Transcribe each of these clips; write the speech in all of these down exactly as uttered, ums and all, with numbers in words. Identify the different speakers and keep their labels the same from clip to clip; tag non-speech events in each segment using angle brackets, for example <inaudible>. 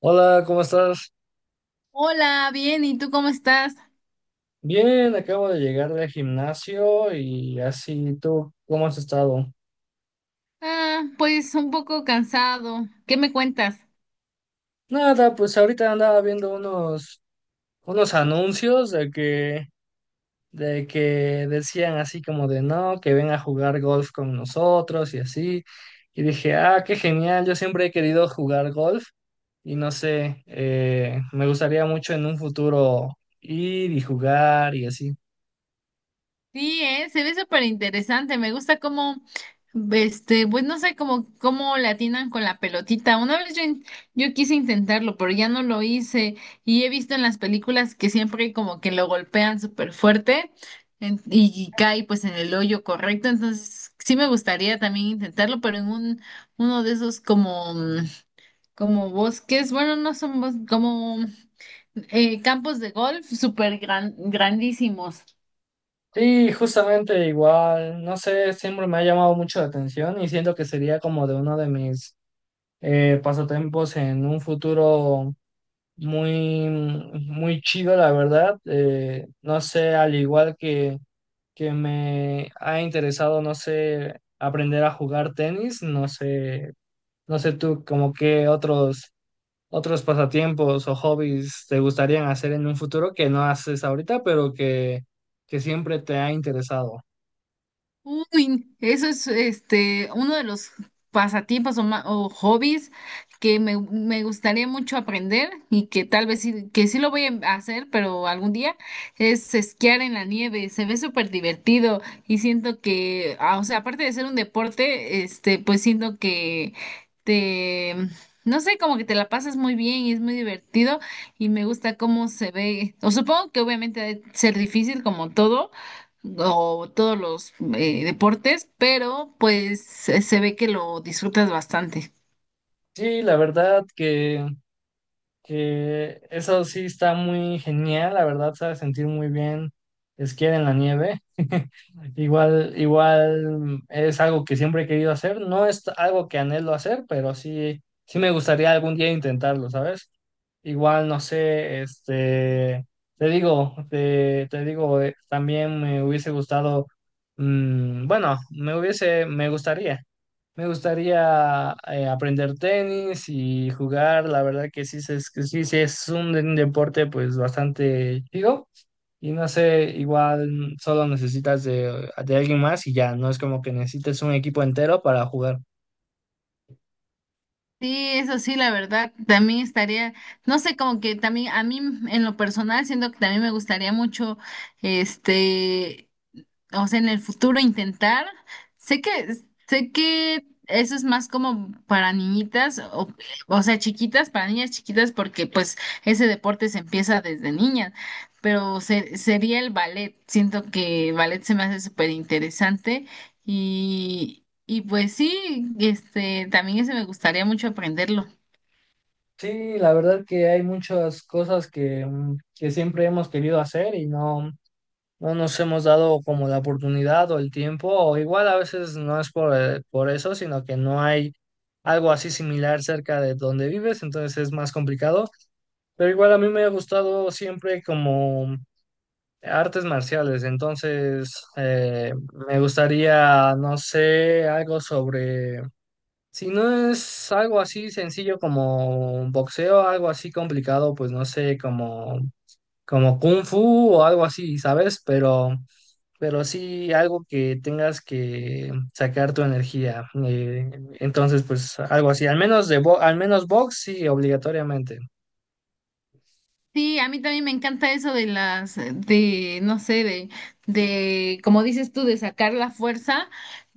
Speaker 1: Hola, ¿cómo estás?
Speaker 2: Hola, bien, ¿y tú cómo estás?
Speaker 1: Bien, acabo de llegar del gimnasio y así tú, ¿cómo has estado?
Speaker 2: Ah, pues un poco cansado. ¿Qué me cuentas?
Speaker 1: Nada, pues ahorita andaba viendo unos, unos anuncios de que, de que decían así como de no, que ven a jugar golf con nosotros y así. Y dije, ah, qué genial, yo siempre he querido jugar golf y no sé, eh, me gustaría mucho en un futuro ir y jugar y así.
Speaker 2: Sí, eh, se ve súper interesante. Me gusta cómo, este, pues no sé cómo, cómo le atinan con la pelotita. Una vez yo, in- yo quise intentarlo, pero ya no lo hice. Y he visto en las películas que siempre como que lo golpean súper fuerte en- y, y cae pues en el hoyo correcto. Entonces, sí me gustaría también intentarlo, pero en un, uno de esos como mm, como bosques, bueno, no son bosques, como eh, campos de golf súper gran, grandísimos.
Speaker 1: Sí, justamente igual, no sé, siempre me ha llamado mucho la atención y siento que sería como de uno de mis eh, pasatiempos en un futuro muy, muy chido, la verdad. Eh, no sé, al igual que, que me ha interesado, no sé, aprender a jugar tenis, no sé, no sé tú como qué otros, otros pasatiempos o hobbies te gustarían hacer en un futuro que no haces ahorita, pero que, que siempre te ha interesado.
Speaker 2: Uy, eso es este uno de los pasatiempos o, ma- o hobbies que me, me gustaría mucho aprender y que tal vez sí, que sí lo voy a hacer, pero algún día es esquiar en la nieve. Se ve súper divertido y siento que, ah, o sea, aparte de ser un deporte, este, pues siento que te, no sé, como que te la pasas muy bien y es muy divertido y me gusta cómo se ve. O supongo que obviamente ha de ser difícil como todo o todos los eh, deportes, pero pues eh, se ve que lo disfrutas bastante.
Speaker 1: Sí, la verdad que, que eso sí está muy genial, la verdad sabe sentir muy bien esquiar en la nieve. <laughs> Igual, igual es algo que siempre he querido hacer, no es algo que anhelo hacer, pero sí, sí me gustaría algún día intentarlo, ¿sabes? Igual, no sé, este, te digo, te, te digo, eh, también me hubiese gustado, mm, bueno, me hubiese, me gustaría. Me gustaría eh, aprender tenis y jugar. La verdad que sí, se- es, que sí, sí es un, un deporte pues bastante chido. Y no sé, igual mm, solo necesitas de, de alguien más y ya, no es como que necesites un equipo entero para jugar.
Speaker 2: Sí, eso sí, la verdad, también estaría, no sé, como que también a mí en lo personal siento que también me gustaría mucho, este, o sea, en el futuro intentar, sé que, sé que eso es más como para niñitas, o, o sea, chiquitas, para niñas chiquitas, porque pues ese deporte se empieza desde niñas, pero se- sería el ballet, siento que ballet se me hace súper interesante y, y pues sí, este, también ese me gustaría mucho aprenderlo.
Speaker 1: Sí, la verdad que hay muchas cosas que, mm, que siempre hemos querido hacer y no, no nos hemos dado como la oportunidad o el tiempo, o igual a veces no es por, eh, por eso, sino que no hay algo así similar cerca de donde vives, entonces es más complicado, pero igual a mí me ha gustado siempre como artes marciales, entonces eh, me gustaría, no sé, algo sobre... Si no es algo así sencillo como boxeo, algo así complicado, pues no sé, como, como kung fu o algo así, ¿sabes? Pero, pero sí algo que tengas que sacar tu energía. Eh, entonces, pues algo así, al menos de bo- al menos box, sí, obligatoriamente.
Speaker 2: Sí, a mí también me encanta eso de las, eh, de, no sé, de, de, como dices tú, de sacar la fuerza.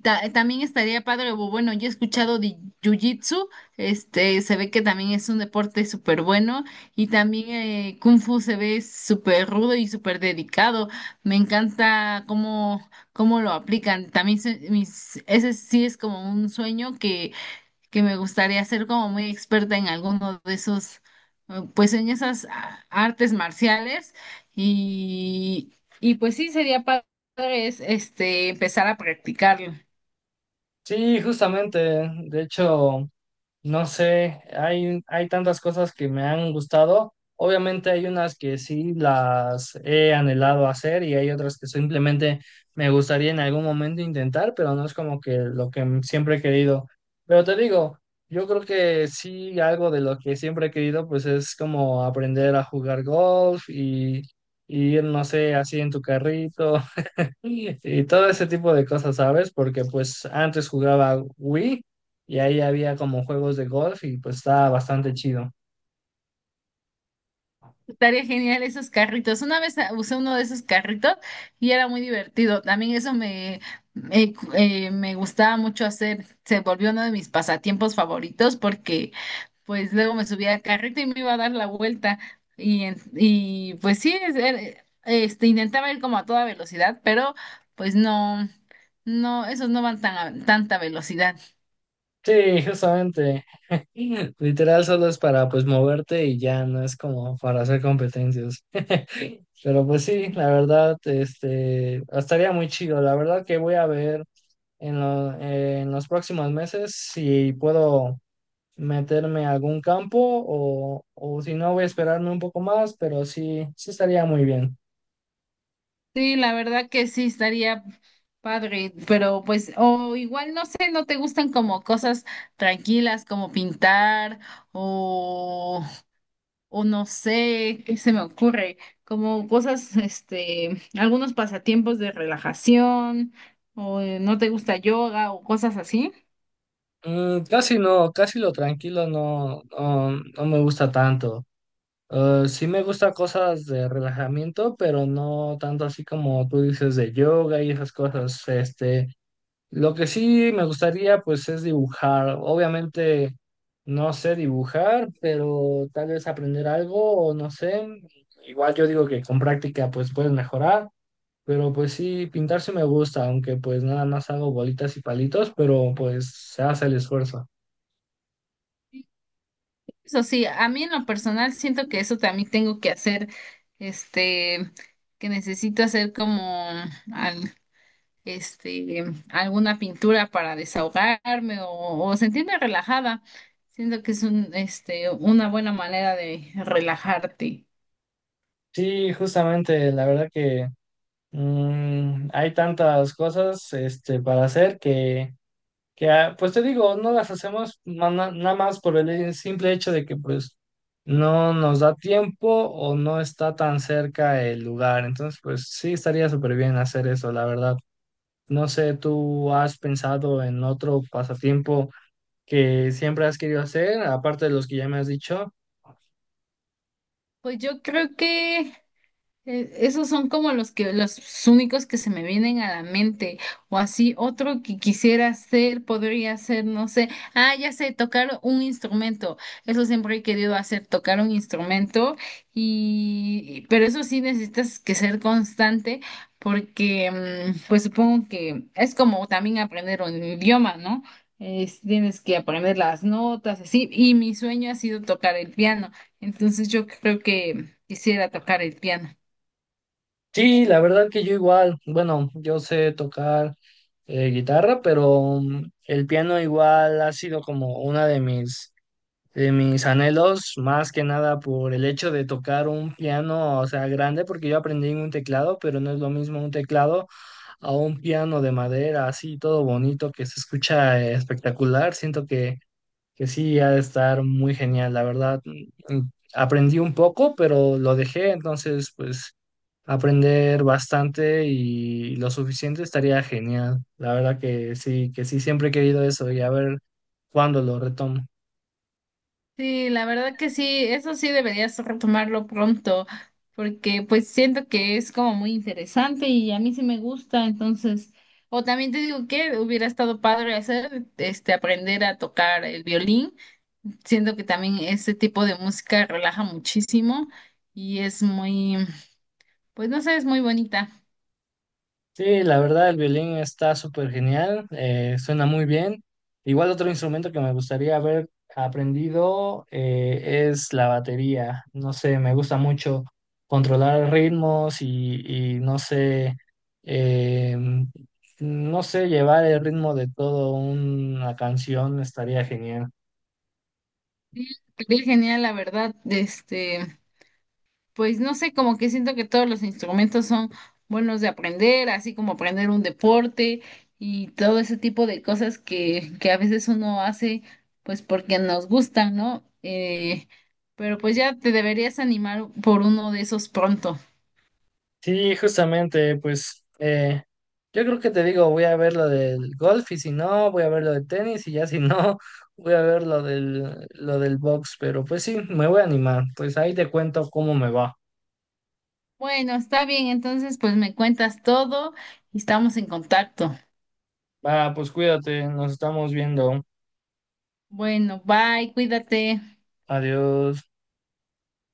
Speaker 2: Ta- también estaría padre, o bueno, yo he escuchado de Jiu-Jitsu, este, se ve que también es un deporte súper bueno y también eh, Kung Fu se ve súper rudo y súper dedicado. Me encanta cómo, cómo lo aplican. También se- mis, ese sí es como un sueño que que me gustaría ser como muy experta en alguno de esos, eh, pues en esas ah, artes marciales y, y pues sí, sería padre es, este, empezar a practicarlo.
Speaker 1: Sí, justamente. De hecho. No sé, hay, hay tantas cosas que me han gustado. Obviamente hay unas que sí las he anhelado hacer y hay otras que simplemente me gustaría en algún momento intentar, pero no es como que lo que siempre he querido. Pero te digo, yo creo que sí algo de lo que siempre he querido pues es como aprender a jugar golf y, y ir, no sé, así en tu carrito y, y todo ese tipo de cosas, ¿sabes? Porque pues antes jugaba Wii y ahí había como juegos de golf y pues estaba bastante chido.
Speaker 2: Estaría genial esos carritos. Una vez ah, usé uno de esos carritos y era muy divertido. También eso me, me, eh, me gustaba mucho hacer. Se volvió uno de mis pasatiempos favoritos porque pues luego me subía al carrito y me iba a dar la vuelta. Y, en- y pues sí, es- er- este, intentaba ir como a toda velocidad, pero pues no, no, esos no van tan a tanta velocidad.
Speaker 1: Sí, justamente. <laughs> Literal solo es para pues moverte y ya no es como para hacer competencias. <laughs> Pero pues sí, la verdad, este, estaría muy chido. La verdad que voy a ver en, lo- en los próximos meses si puedo meterme a algún campo o, o si no voy a esperarme un poco más, pero sí, sí estaría muy bien.
Speaker 2: Sí, la verdad que sí estaría padre, pero pues, o igual no sé, no te gustan como cosas tranquilas como pintar o o no sé, qué se me ocurre, como cosas, este, algunos pasatiempos de relajación, o eh, no te gusta yoga o cosas así.
Speaker 1: Mm, casi no, casi lo tranquilo no, no, no me gusta tanto. Eh, sí me gusta cosas de relajamiento, pero no tanto así como tú dices de yoga y esas cosas. Este, lo que sí me gustaría pues es dibujar. Obviamente no sé dibujar, pero tal vez aprender algo o no sé. Igual yo digo que con práctica pues puedes mejorar. Pero pues sí, pintar sí me gusta, aunque pues nada más hago bolitas y palitos, pero pues se hace el esfuerzo.
Speaker 2: Eso sí, a mí en lo personal siento que eso también tengo que hacer, este, que necesito hacer como al- este, alguna pintura para desahogarme o, o sentirme relajada. Siento que es un, este, una buena manera de relajarte.
Speaker 1: Sí, justamente, la verdad que mm, hay tantas cosas este, para hacer que, que, ah, pues te digo, no las hacemos na- na- nada más por el simple hecho de que pues no nos da tiempo o no está tan cerca el lugar. Entonces, pues sí, estaría súper bien hacer eso, la verdad. No sé, ¿tú has pensado en otro pasatiempo que siempre has querido hacer, aparte de los que ya me has dicho?
Speaker 2: Pues yo creo que Eh, esos son como los que los únicos que se me vienen a la mente. O así otro que quisiera hacer, podría ser, no sé. Ah, ya sé, tocar un instrumento. Eso siempre he querido hacer, tocar un instrumento. Y, pero eso sí necesitas que ser constante, porque mm, pues supongo que es como también aprender un idioma, ¿no? Es- tienes que aprender las notas, así. Y mi sueño ha sido tocar el piano. Entonces yo creo que quisiera tocar el piano.
Speaker 1: Sí, la verdad que yo igual, bueno, yo sé tocar eh, guitarra, pero mm, el piano igual ha sido como una de mis, de mis anhelos, más que nada por el hecho de tocar un piano, o sea, grande, porque yo aprendí en un teclado, pero no es lo mismo un teclado a un piano de madera, así todo bonito, que se escucha eh, espectacular. Siento que que sí ha de estar muy genial, la verdad. Mm, Aprendí un poco, pero lo dejé, entonces pues aprender bastante y lo suficiente estaría genial. La verdad que sí, que sí, siempre he querido eso y a ver cuándo lo retomo.
Speaker 2: Sí, la verdad que sí, eso sí deberías retomarlo pronto, porque pues siento que es como muy interesante y a mí sí me gusta, entonces, o también te digo que hubiera estado padre hacer, este, aprender a tocar el violín, siento que también este tipo de música relaja muchísimo y es muy, pues no sé, es muy bonita.
Speaker 1: Sí, la verdad, el violín está súper genial, eh, suena muy bien. Igual otro instrumento que me gustaría haber aprendido eh, es la batería. No sé, me gusta mucho controlar ritmos y, y no sé, eh, no sé, llevar el ritmo de toda una canción estaría genial.
Speaker 2: Sí, sería genial, la verdad, este. Pues no sé, como que siento que todos los instrumentos son buenos de aprender, así como aprender un deporte y todo ese tipo de cosas que, que a veces uno hace, pues porque nos gustan, ¿no? Eh, pero pues ya te deberías animar por uno de esos pronto.
Speaker 1: Sí, justamente, pues eh, yo creo que te digo, voy a ver lo del golf y si no, voy a ver lo del tenis y ya si no, <laughs> voy a ver lo del, lo del box, pero pues sí, me voy a animar, pues ahí te cuento cómo me va.
Speaker 2: Bueno, está bien, entonces pues me cuentas todo y estamos en contacto.
Speaker 1: Va, pues cuídate, nos estamos viendo.
Speaker 2: Bueno, bye, cuídate.
Speaker 1: Adiós.